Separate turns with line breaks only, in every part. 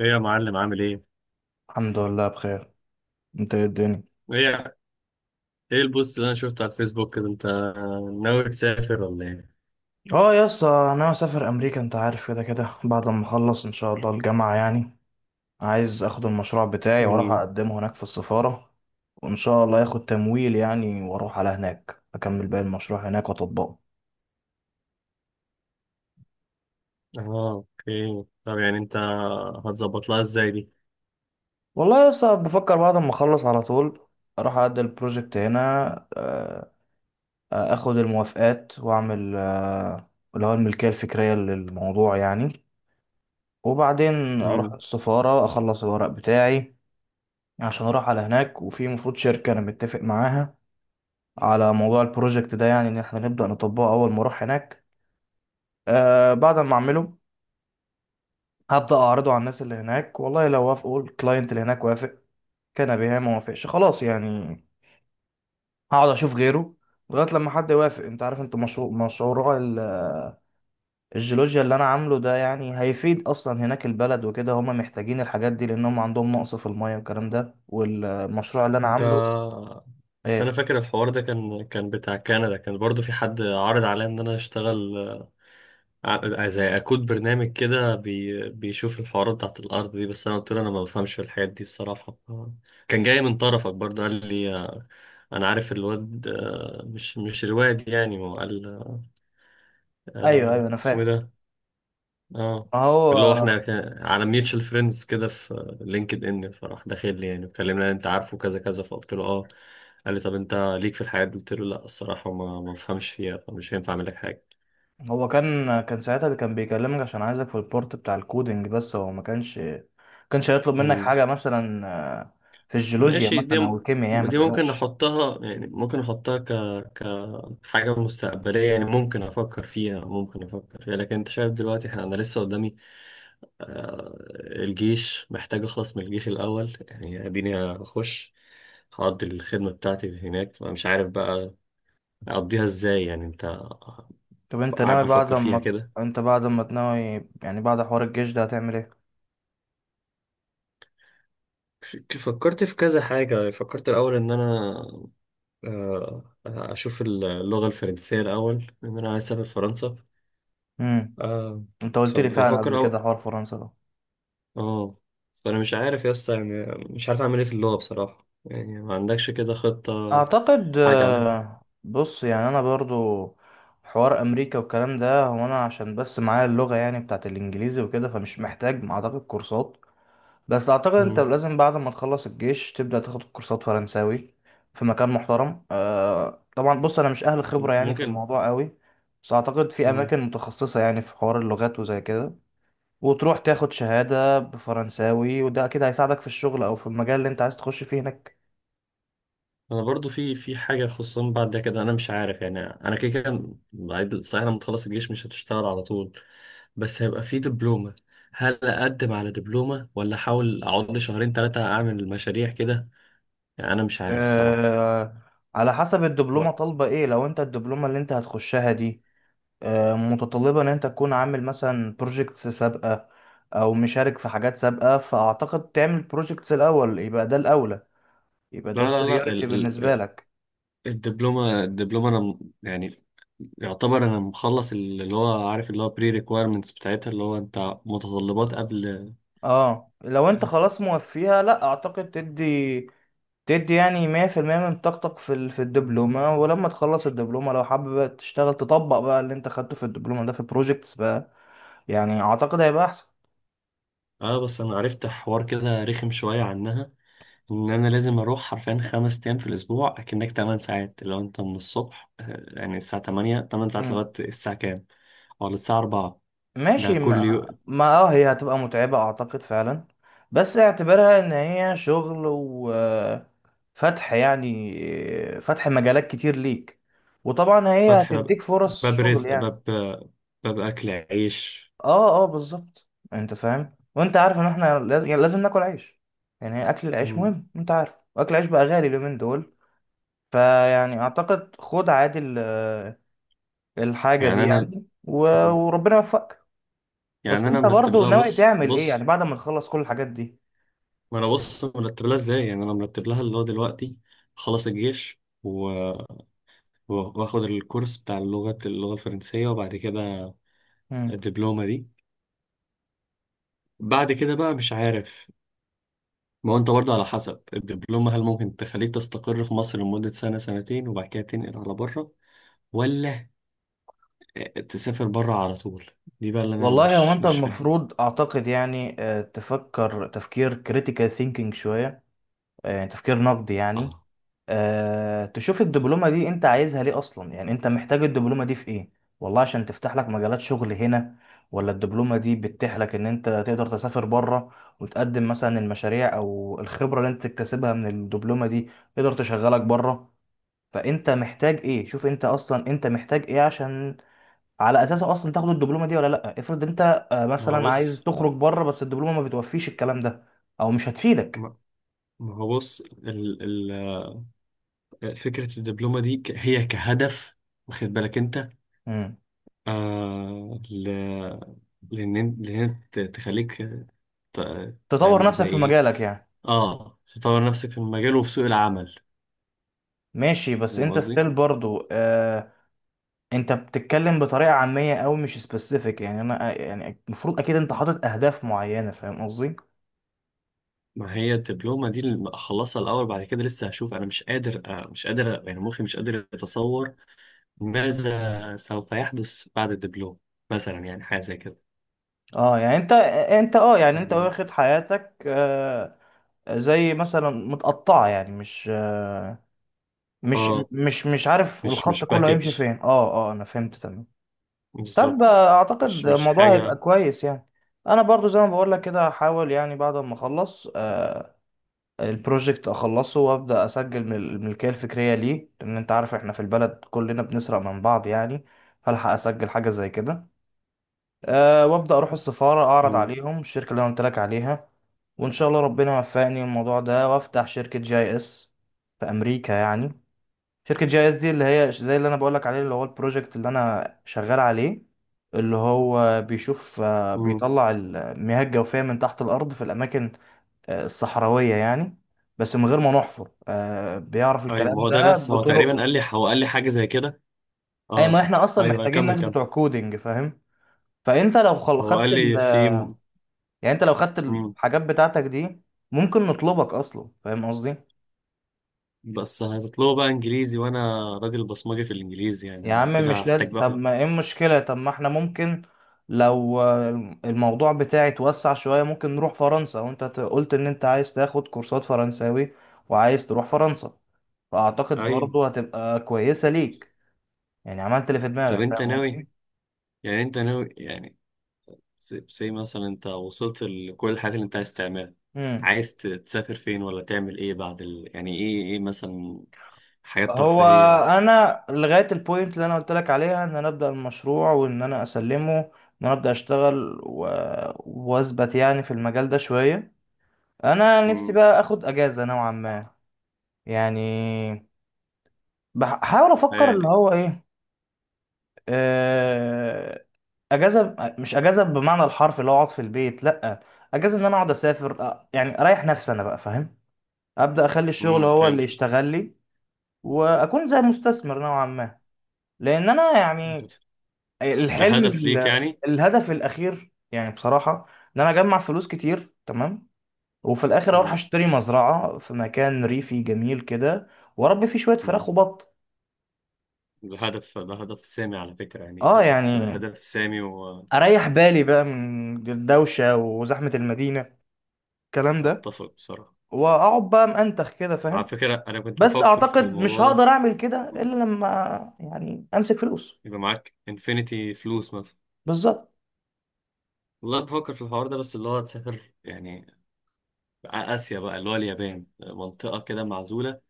ايه يا معلم، عامل ايه؟
الحمد لله بخير. انت ايه الدنيا؟
ايه ايه البوست اللي انا شفته على الفيسبوك كده، انت ناوي تسافر ولا ايه؟
اه يا اسطى، انا مسافر امريكا انت عارف كده كده بعد ما اخلص ان شاء الله الجامعه يعني. عايز اخد المشروع بتاعي واروح
امم
اقدمه هناك في السفاره. وان شاء الله ياخد تمويل يعني، واروح على هناك اكمل باقي المشروع هناك واطبقه.
اه اوكي، طب يعني انت هتظبط لها ازاي دي؟
والله يا اسطى، بفكر بعد ما اخلص على طول اروح اقدم البروجكت هنا، آه، اخد الموافقات واعمل اللي هو الملكيه الفكريه للموضوع يعني. وبعدين اروح
امم
السفاره اخلص الورق بتاعي عشان اروح على هناك. وفي مفروض شركة انا متفق معاها على موضوع البروجكت ده، يعني ان احنا نبدأ نطبقه اول ما اروح هناك. بعد ما اعمله هبدأ اعرضه على الناس اللي هناك. والله لو وافقوا الكلاينت اللي هناك وافق كان بها، ما وافقش خلاص يعني هقعد اشوف غيره لغاية لما حد يوافق. انت عارف انت، الجيولوجيا اللي انا عامله ده يعني هيفيد اصلا هناك البلد وكده، هم محتاجين الحاجات دي لانهم عندهم نقص في المية والكلام ده والمشروع اللي انا
انت،
عامله.
بس انا
ايه؟
فاكر الحوار ده كان بتاع كندا، كان برضو في حد عرض عليا ان انا اشتغل زي اكود برنامج كده، بيشوف الحوارات بتاعت الارض دي، بس انا قلت له انا ما بفهمش في الحاجات دي الصراحة. كان جاي من طرفك برضو، قال لي انا عارف الواد، مش الواد يعني، هو قال
ايوه ايوه انا
اسمه ايه
فاهم.
ده. اه،
ما
اللي هو احنا
هو،
كان على ميوتشال فريندز كده في لينكد ان، فراح داخل لي يعني وكلمنا، انت عارفه، كذا كذا، فقلت له اه. قال لي طب انت ليك في الحياة دي؟ قلت له لا الصراحة، ما بفهمش فيها، فمش هينفع اعمل لك حاجة.
هو كان ساعتها اللي كان بيكلمك عشان عايزك في البورت بتاع الكودينج، بس هو ما كانش هيطلب منك
امم
حاجة مثلا في الجيولوجيا
ماشي، دي
مثلا أو الكيمياء، يعني ما
دي ممكن
تقلقش.
احطها، يعني ممكن احطها كحاجة مستقبلية، يعني ممكن افكر فيها لكن انت شايف دلوقتي، احنا انا لسه قدامي الجيش، محتاج أخلص من الجيش الأول يعني، أديني أخش هقضي الخدمة بتاعتي هناك، أنا مش عارف بقى أقضيها إزاي يعني. أنت
طب
قاعد بفكر فيها كده،
أنت بعد ما تناوي يعني بعد حوار الجيش ده، هتعمل إيه؟
فكرت في كذا حاجة، فكرت الأول إن أنا أشوف اللغة الفرنسية الأول، إن أنا عايز أسافر فرنسا.
امم
آه،
أنت قلت لي فعلا قبل
فبفكر
كده حوار فرنسا ده.
آه فأنا مش عارف يا اسطى يعني، مش عارف أعمل إيه في اللغة بصراحة يعني، ما عندكش كده خطة،
أعتقد،
حاجة عندك؟
بص، يعني أنا برضو حوار أمريكا والكلام ده، هو أنا عشان بس معايا اللغة يعني بتاعت الإنجليزي وكده فمش محتاج أعتقد كورسات. بس اعتقد انت
مم.
لازم بعد ما تخلص الجيش تبدأ تاخد كورسات فرنساوي في مكان محترم. طبعا بص، انا مش اهل خبرة يعني في
ممكن.
الموضوع قوي. بس اعتقد في
مم.
اماكن متخصصة يعني في حوار اللغات وزي كده. وتروح تاخد شهادة بفرنساوي وده اكيد هيساعدك في الشغل او في المجال اللي انت عايز تخش فيه هناك.
انا برضو في حاجه، خصوصا بعد ده كده انا مش عارف يعني، انا كده كده صحيح، لما تخلص الجيش مش هتشتغل على طول، بس هيبقى في دبلومه، هل اقدم على دبلومه ولا احاول اقعد لي شهرين ثلاثه اعمل مشاريع كده؟ يعني انا مش عارف الصراحه.
آه على حسب الدبلومة
بقى.
طالبة ايه. لو انت الدبلومة اللي انت هتخشها دي متطلبة ان انت تكون عامل مثلا بروجيكتس سابقة او مشارك في حاجات سابقة، فاعتقد تعمل بروجيكتس الاول يبقى ده الاولى، يبقى ده
لا، لا، لا،
البريوريتي
ال
بالنسبة
ال
لك.
الدبلومه، انا يعني يعتبر انا مخلص اللي هو، عارف اللي هو، بري ريكويرمنتس بتاعتها، اللي هو انت متطلبات قبل.
اه لو انت خلاص موفيها لا، اعتقد تدي يعني 100% من طاقتك في الدبلومة. ولما تخلص الدبلومة لو حابب تشتغل تطبق بقى اللي انت خدته في الدبلومة ده في بروجيكتس بقى، يعني اعتقد هيبقى
اه، بس انا عرفت حوار كده رخم شويه عنها، ان انا لازم اروح حرفيا خمس ايام في الاسبوع، اكنك 8 ساعات، لو انت من الصبح يعني الساعه 8 8 ساعات
احسن.
لغايه الساعه كام؟ او للساعه 4، ده
ماشي،
كل
ما,
يوم.
ما هي هتبقى متعبة اعتقد فعلا. بس اعتبرها ان هي شغل وفتح يعني فتح مجالات كتير ليك، وطبعا هي
فاتح باب،
هتديك فرص
باب
شغل
رزق،
يعني.
باب، باب اكل عيش.
اه اه، بالظبط انت فاهم، وانت عارف ان احنا لازم, يعني لازم ناكل عيش. يعني اكل العيش
مم.
مهم انت عارف، واكل العيش بقى غالي اليومين دول. فيعني اعتقد خد عادي الحاجة دي
يعني انا،
يعني وربنا يوفقك. بس انت
مرتب
برضو
لها،
ناوي
بص
تعمل ايه يعني
بص.
بعد ما نخلص كل الحاجات دي؟
ما انا بص مرتب لها ازاي، يعني انا مرتب لها اللي هو دلوقتي، خلص الجيش واخد الكورس بتاع اللغه، الفرنسيه، وبعد كده
مم.
الدبلومه دي، بعد كده بقى مش عارف. ما هو انت برضه، على حسب الدبلومة، هل ممكن تخليك تستقر في مصر لمدة سنة، سنتين، وبعد كده تنقل على بره، ولا تسافر بره على طول؟ دي بقى اللي انا
والله هو
مش
انت
مش فاهم.
المفروض اعتقد يعني تفكر تفكير كريتيكال ثينكينج شوية، يعني تفكير نقدي يعني.
اه،
تشوف الدبلومة دي انت عايزها ليه اصلا يعني، انت محتاج الدبلومة دي في ايه؟ والله عشان تفتح لك مجالات شغل هنا، ولا الدبلومة دي بتتيح لك ان انت تقدر تسافر بره وتقدم مثلا المشاريع او الخبرة اللي انت تكتسبها من الدبلومة دي تقدر تشغلك بره. فانت محتاج ايه، شوف انت اصلا انت محتاج ايه عشان على اساسه اصلا تاخد الدبلومه دي ولا لا. افرض انت
ما هو
مثلا عايز
بص
تخرج بره بس الدبلومه ما بتوفيش الكلام ده او مش هتفيدك.
ما ما هو بص ال ال فكرة الدبلومة دي، هي كهدف، واخد بالك انت؟
مم.
آه ل لان، تخليك
تطور
تعمل زي
نفسك في
ايه.
مجالك يعني.
اه، تطور نفسك في المجال وفي سوق العمل،
ماشي بس
فاهم
انت
قصدي؟
ستيل برضو، انت بتتكلم بطريقه عاميه او مش سبيسيفيك، يعني انا يعني المفروض اكيد انت حاطط اهداف معينه، فاهم قصدي؟
ما هي الدبلومة دي اللي أخلصها الأول، بعد كده لسه هشوف، أنا مش قادر، يعني مخي مش قادر يتصور ماذا سوف يحدث بعد الدبلومة مثلا، يعني حاجة زي كده
اه يعني انت آه، انت اه يعني انت
يعني.
واخد حياتك زي مثلا متقطعه، يعني مش آه، مش
آه
مش مش عارف
مش
الخط
مش
كله
باكج،
هيمشي فين. اه اه انا فهمت تمام. طب
بالظبط،
اعتقد
مش
الموضوع هيبقى
حاجة.
كويس يعني. انا برضو زي ما بقول لك كده هحاول يعني بعد ما اخلص البروجكت اخلصه وابدا اسجل من الملكيه الفكريه ليه، لان انت عارف احنا في البلد كلنا بنسرق من بعض يعني. فالحق اسجل حاجه زي كده، وابدا اروح السفاره اعرض
مم.
عليهم الشركه اللي انا قلت لك عليها. وان شاء الله ربنا يوفقني الموضوع ده، وافتح شركه جي اس في امريكا يعني. شركة جي اس دي اللي هي زي اللي انا بقولك عليه، اللي هو البروجكت اللي انا شغال عليه. اللي هو بيشوف
مم.
بيطلع المياه الجوفية من تحت الأرض في الأماكن الصحراوية يعني. بس من غير ما نحفر، بيعرف
أيوة، ما
الكلام
هو ده
ده
نفسه، هو
بطرق.
تقريبا قال لي، حاجة زي كده.
أي، ما
آه
احنا أصلا
أيوة أيوة،
محتاجين
كمل
ناس
كمل.
بتوع كودينج فاهم. فأنت لو
هو قال لي في.
يعني أنت لو خدت
مم.
الحاجات بتاعتك دي، ممكن نطلبك أصلا، فاهم قصدي؟
بس هتطلبوا بقى إنجليزي، وأنا راجل بصمجي في الإنجليزي يعني،
يا
أنا
عم
كده
مش
هحتاج
لازم، طب
باخد.
ما ايه المشكلة، طب ما احنا ممكن، لو الموضوع بتاعي اتوسع شوية ممكن نروح فرنسا. وانت قلت ان انت عايز تاخد كورسات فرنساوي وعايز تروح فرنسا. فاعتقد
أيوة،
برضو هتبقى كويسة ليك، يعني عملت اللي في
طب
دماغك،
أنت
فاهم
ناوي،
قصدي؟
يعني انت ناوي يعني زي مثلا انت وصلت لكل الحاجات اللي انت عايز تعملها،
امم
عايز تسافر فين، ولا تعمل ايه بعد يعني ايه، مثلا حاجات
هو
ترفيهية.
انا لغاية البوينت اللي انا قلت لك عليها ان انا ابدأ المشروع وان انا اسلمه، ان انا ابدأ اشتغل واثبت يعني في المجال ده شوية. انا نفسي
امم
بقى اخد اجازة نوعا ما، يعني بحاول افكر اللي
يعني
هو ايه، آه، اجازه مش اجازه بمعنى الحرف اللي هو اقعد في البيت، لا. اجازه ان انا اقعد اسافر، يعني اريح نفسي انا بقى فاهم. ابدا اخلي الشغل هو اللي
فهمت،
يشتغل لي، واكون زي مستثمر نوعا ما. لان انا يعني
ده
الحلم
هدف ليك يعني.
الهدف الاخير يعني بصراحه، ان انا اجمع فلوس كتير تمام. وفي الاخر اروح
اه.
اشتري مزرعه في مكان ريفي جميل كده واربي فيه شويه فراخ
امم
وبط.
ده هدف سامي، على فكرة يعني،
اه،
هدف
يعني
هدف سامي.
اريح بالي بقى من الدوشه وزحمه المدينه الكلام ده،
واتفق بصراحة،
واقعد بقى منتخ كده
على
فاهم.
فكرة انا كنت
بس
بفكر في
اعتقد مش
الموضوع ده.
هقدر اعمل كده
مم.
الا لما، يعني امسك فلوس
يبقى معاك انفينيتي فلوس مثلا.
بالظبط.
والله بفكر في الحوار ده، بس اللي هو تسافر يعني آسيا بقى، اللي هو اليابان، منطقة كده معزولة،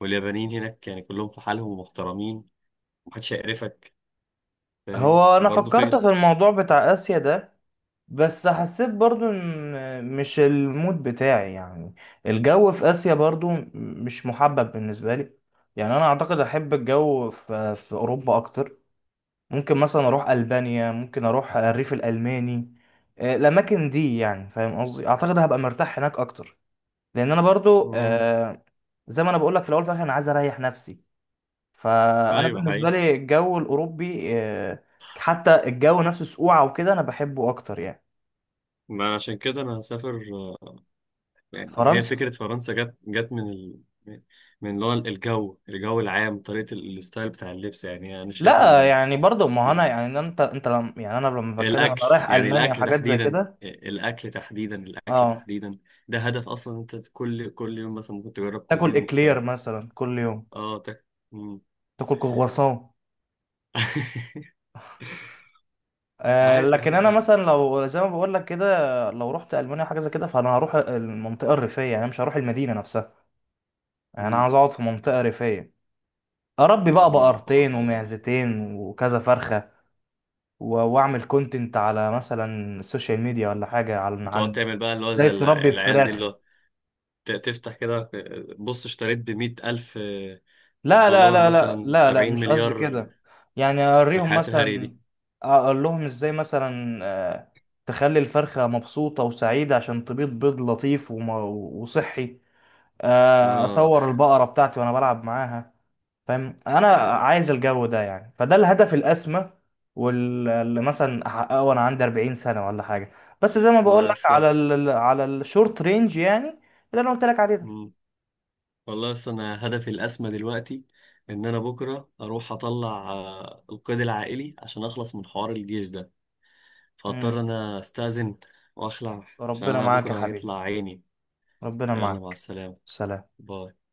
واليابانيين هناك يعني كلهم في حالهم ومحترمين، محدش هيقرفك، فاهم
هو انا
برضه
فكرت
فكرة؟
في الموضوع بتاع اسيا ده، بس حسيت برضو ان مش المود بتاعي يعني. الجو في اسيا برضو مش محبب بالنسبه لي. يعني انا اعتقد احب الجو في اوروبا اكتر. ممكن مثلا اروح البانيا، ممكن اروح الريف الالماني. الاماكن دي يعني فاهم قصدي، اعتقد هبقى مرتاح هناك اكتر. لان انا برضو
مم.
زي ما انا بقول لك في الاول وفي الاخر انا عايز اريح نفسي. فانا
أيوة
بالنسبه
حقيقي.
لي الجو الاوروبي، حتى الجو نفسه سقوعه وكده انا بحبه اكتر يعني.
ما عشان كده أنا هسافر يعني، هي
فرنسا،
فكرة فرنسا جت من اللي هو الجو، العام، طريقة الستايل بتاع اللبس، يعني أنا شايف
لا يعني برضو، ما هو انا
ال-
يعني انت انت لم يعني انا لما بتكلم انا
الأكل
رايح
يعني،
المانيا
الأكل
وحاجات زي
تحديدا،
كده.
الأكل تحديدا، الأكل
اه،
تحديدا، ده هدف أصلا. أنت كل يوم مثلا ممكن تجرب
تاكل
كوزين
اكلير
مختلف.
مثلا كل يوم،
اه،
تاكل كرواسون.
عادي يا
لكن انا
عم.
مثلا لو زي ما بقول لك كده، لو رحت المانيا حاجه زي كده فانا هروح المنطقه الريفيه، يعني مش هروح المدينه نفسها. يعني انا
مم.
عاوز اقعد في منطقه ريفيه، اربي بقى
جميل الحوار
بقرتين
ده بجد.
ومعزتين وكذا فرخه. واعمل كونتنت على مثلا السوشيال ميديا ولا حاجه عن
وتقعد
عن
تعمل بقى اللي هو
ازاي
زي
تربي
العيال دي، اللي
فراخ.
هو تفتح كده، بص اشتريت بمية ألف
لا لا
دولار
لا لا
مثلا،
لا لا،
سبعين
مش قصدي
مليار من
كده. يعني اوريهم
الحياة الهري
مثلا،
دي.
اقول لهم ازاي مثلا تخلي الفرخة مبسوطة وسعيدة عشان تبيض بيض لطيف وصحي.
اه.
اصور البقره بتاعتي وانا بلعب معاها. فاهم، انا
آه.
عايز الجو ده يعني فده الهدف الاسمى. واللي مثلا احققه وانا عندي 40 سنه ولا حاجه. بس زي ما بقول
الله
لك
يسه.
على الشورت رينج يعني اللي انا قلت لك عليه ده.
مم. والله يسه، أنا هدفي الأسمى دلوقتي إن أنا بكرة أروح أطلع القيد العائلي عشان أخلص من حوار الجيش ده، فاضطر
مم.
أنا أستأذن وأخلع، عشان
ربنا
أنا
معاك يا
بكرة
حبيبي.
هيطلع عيني.
ربنا
يلا مع
معاك.
السلامة.
سلام.
باي.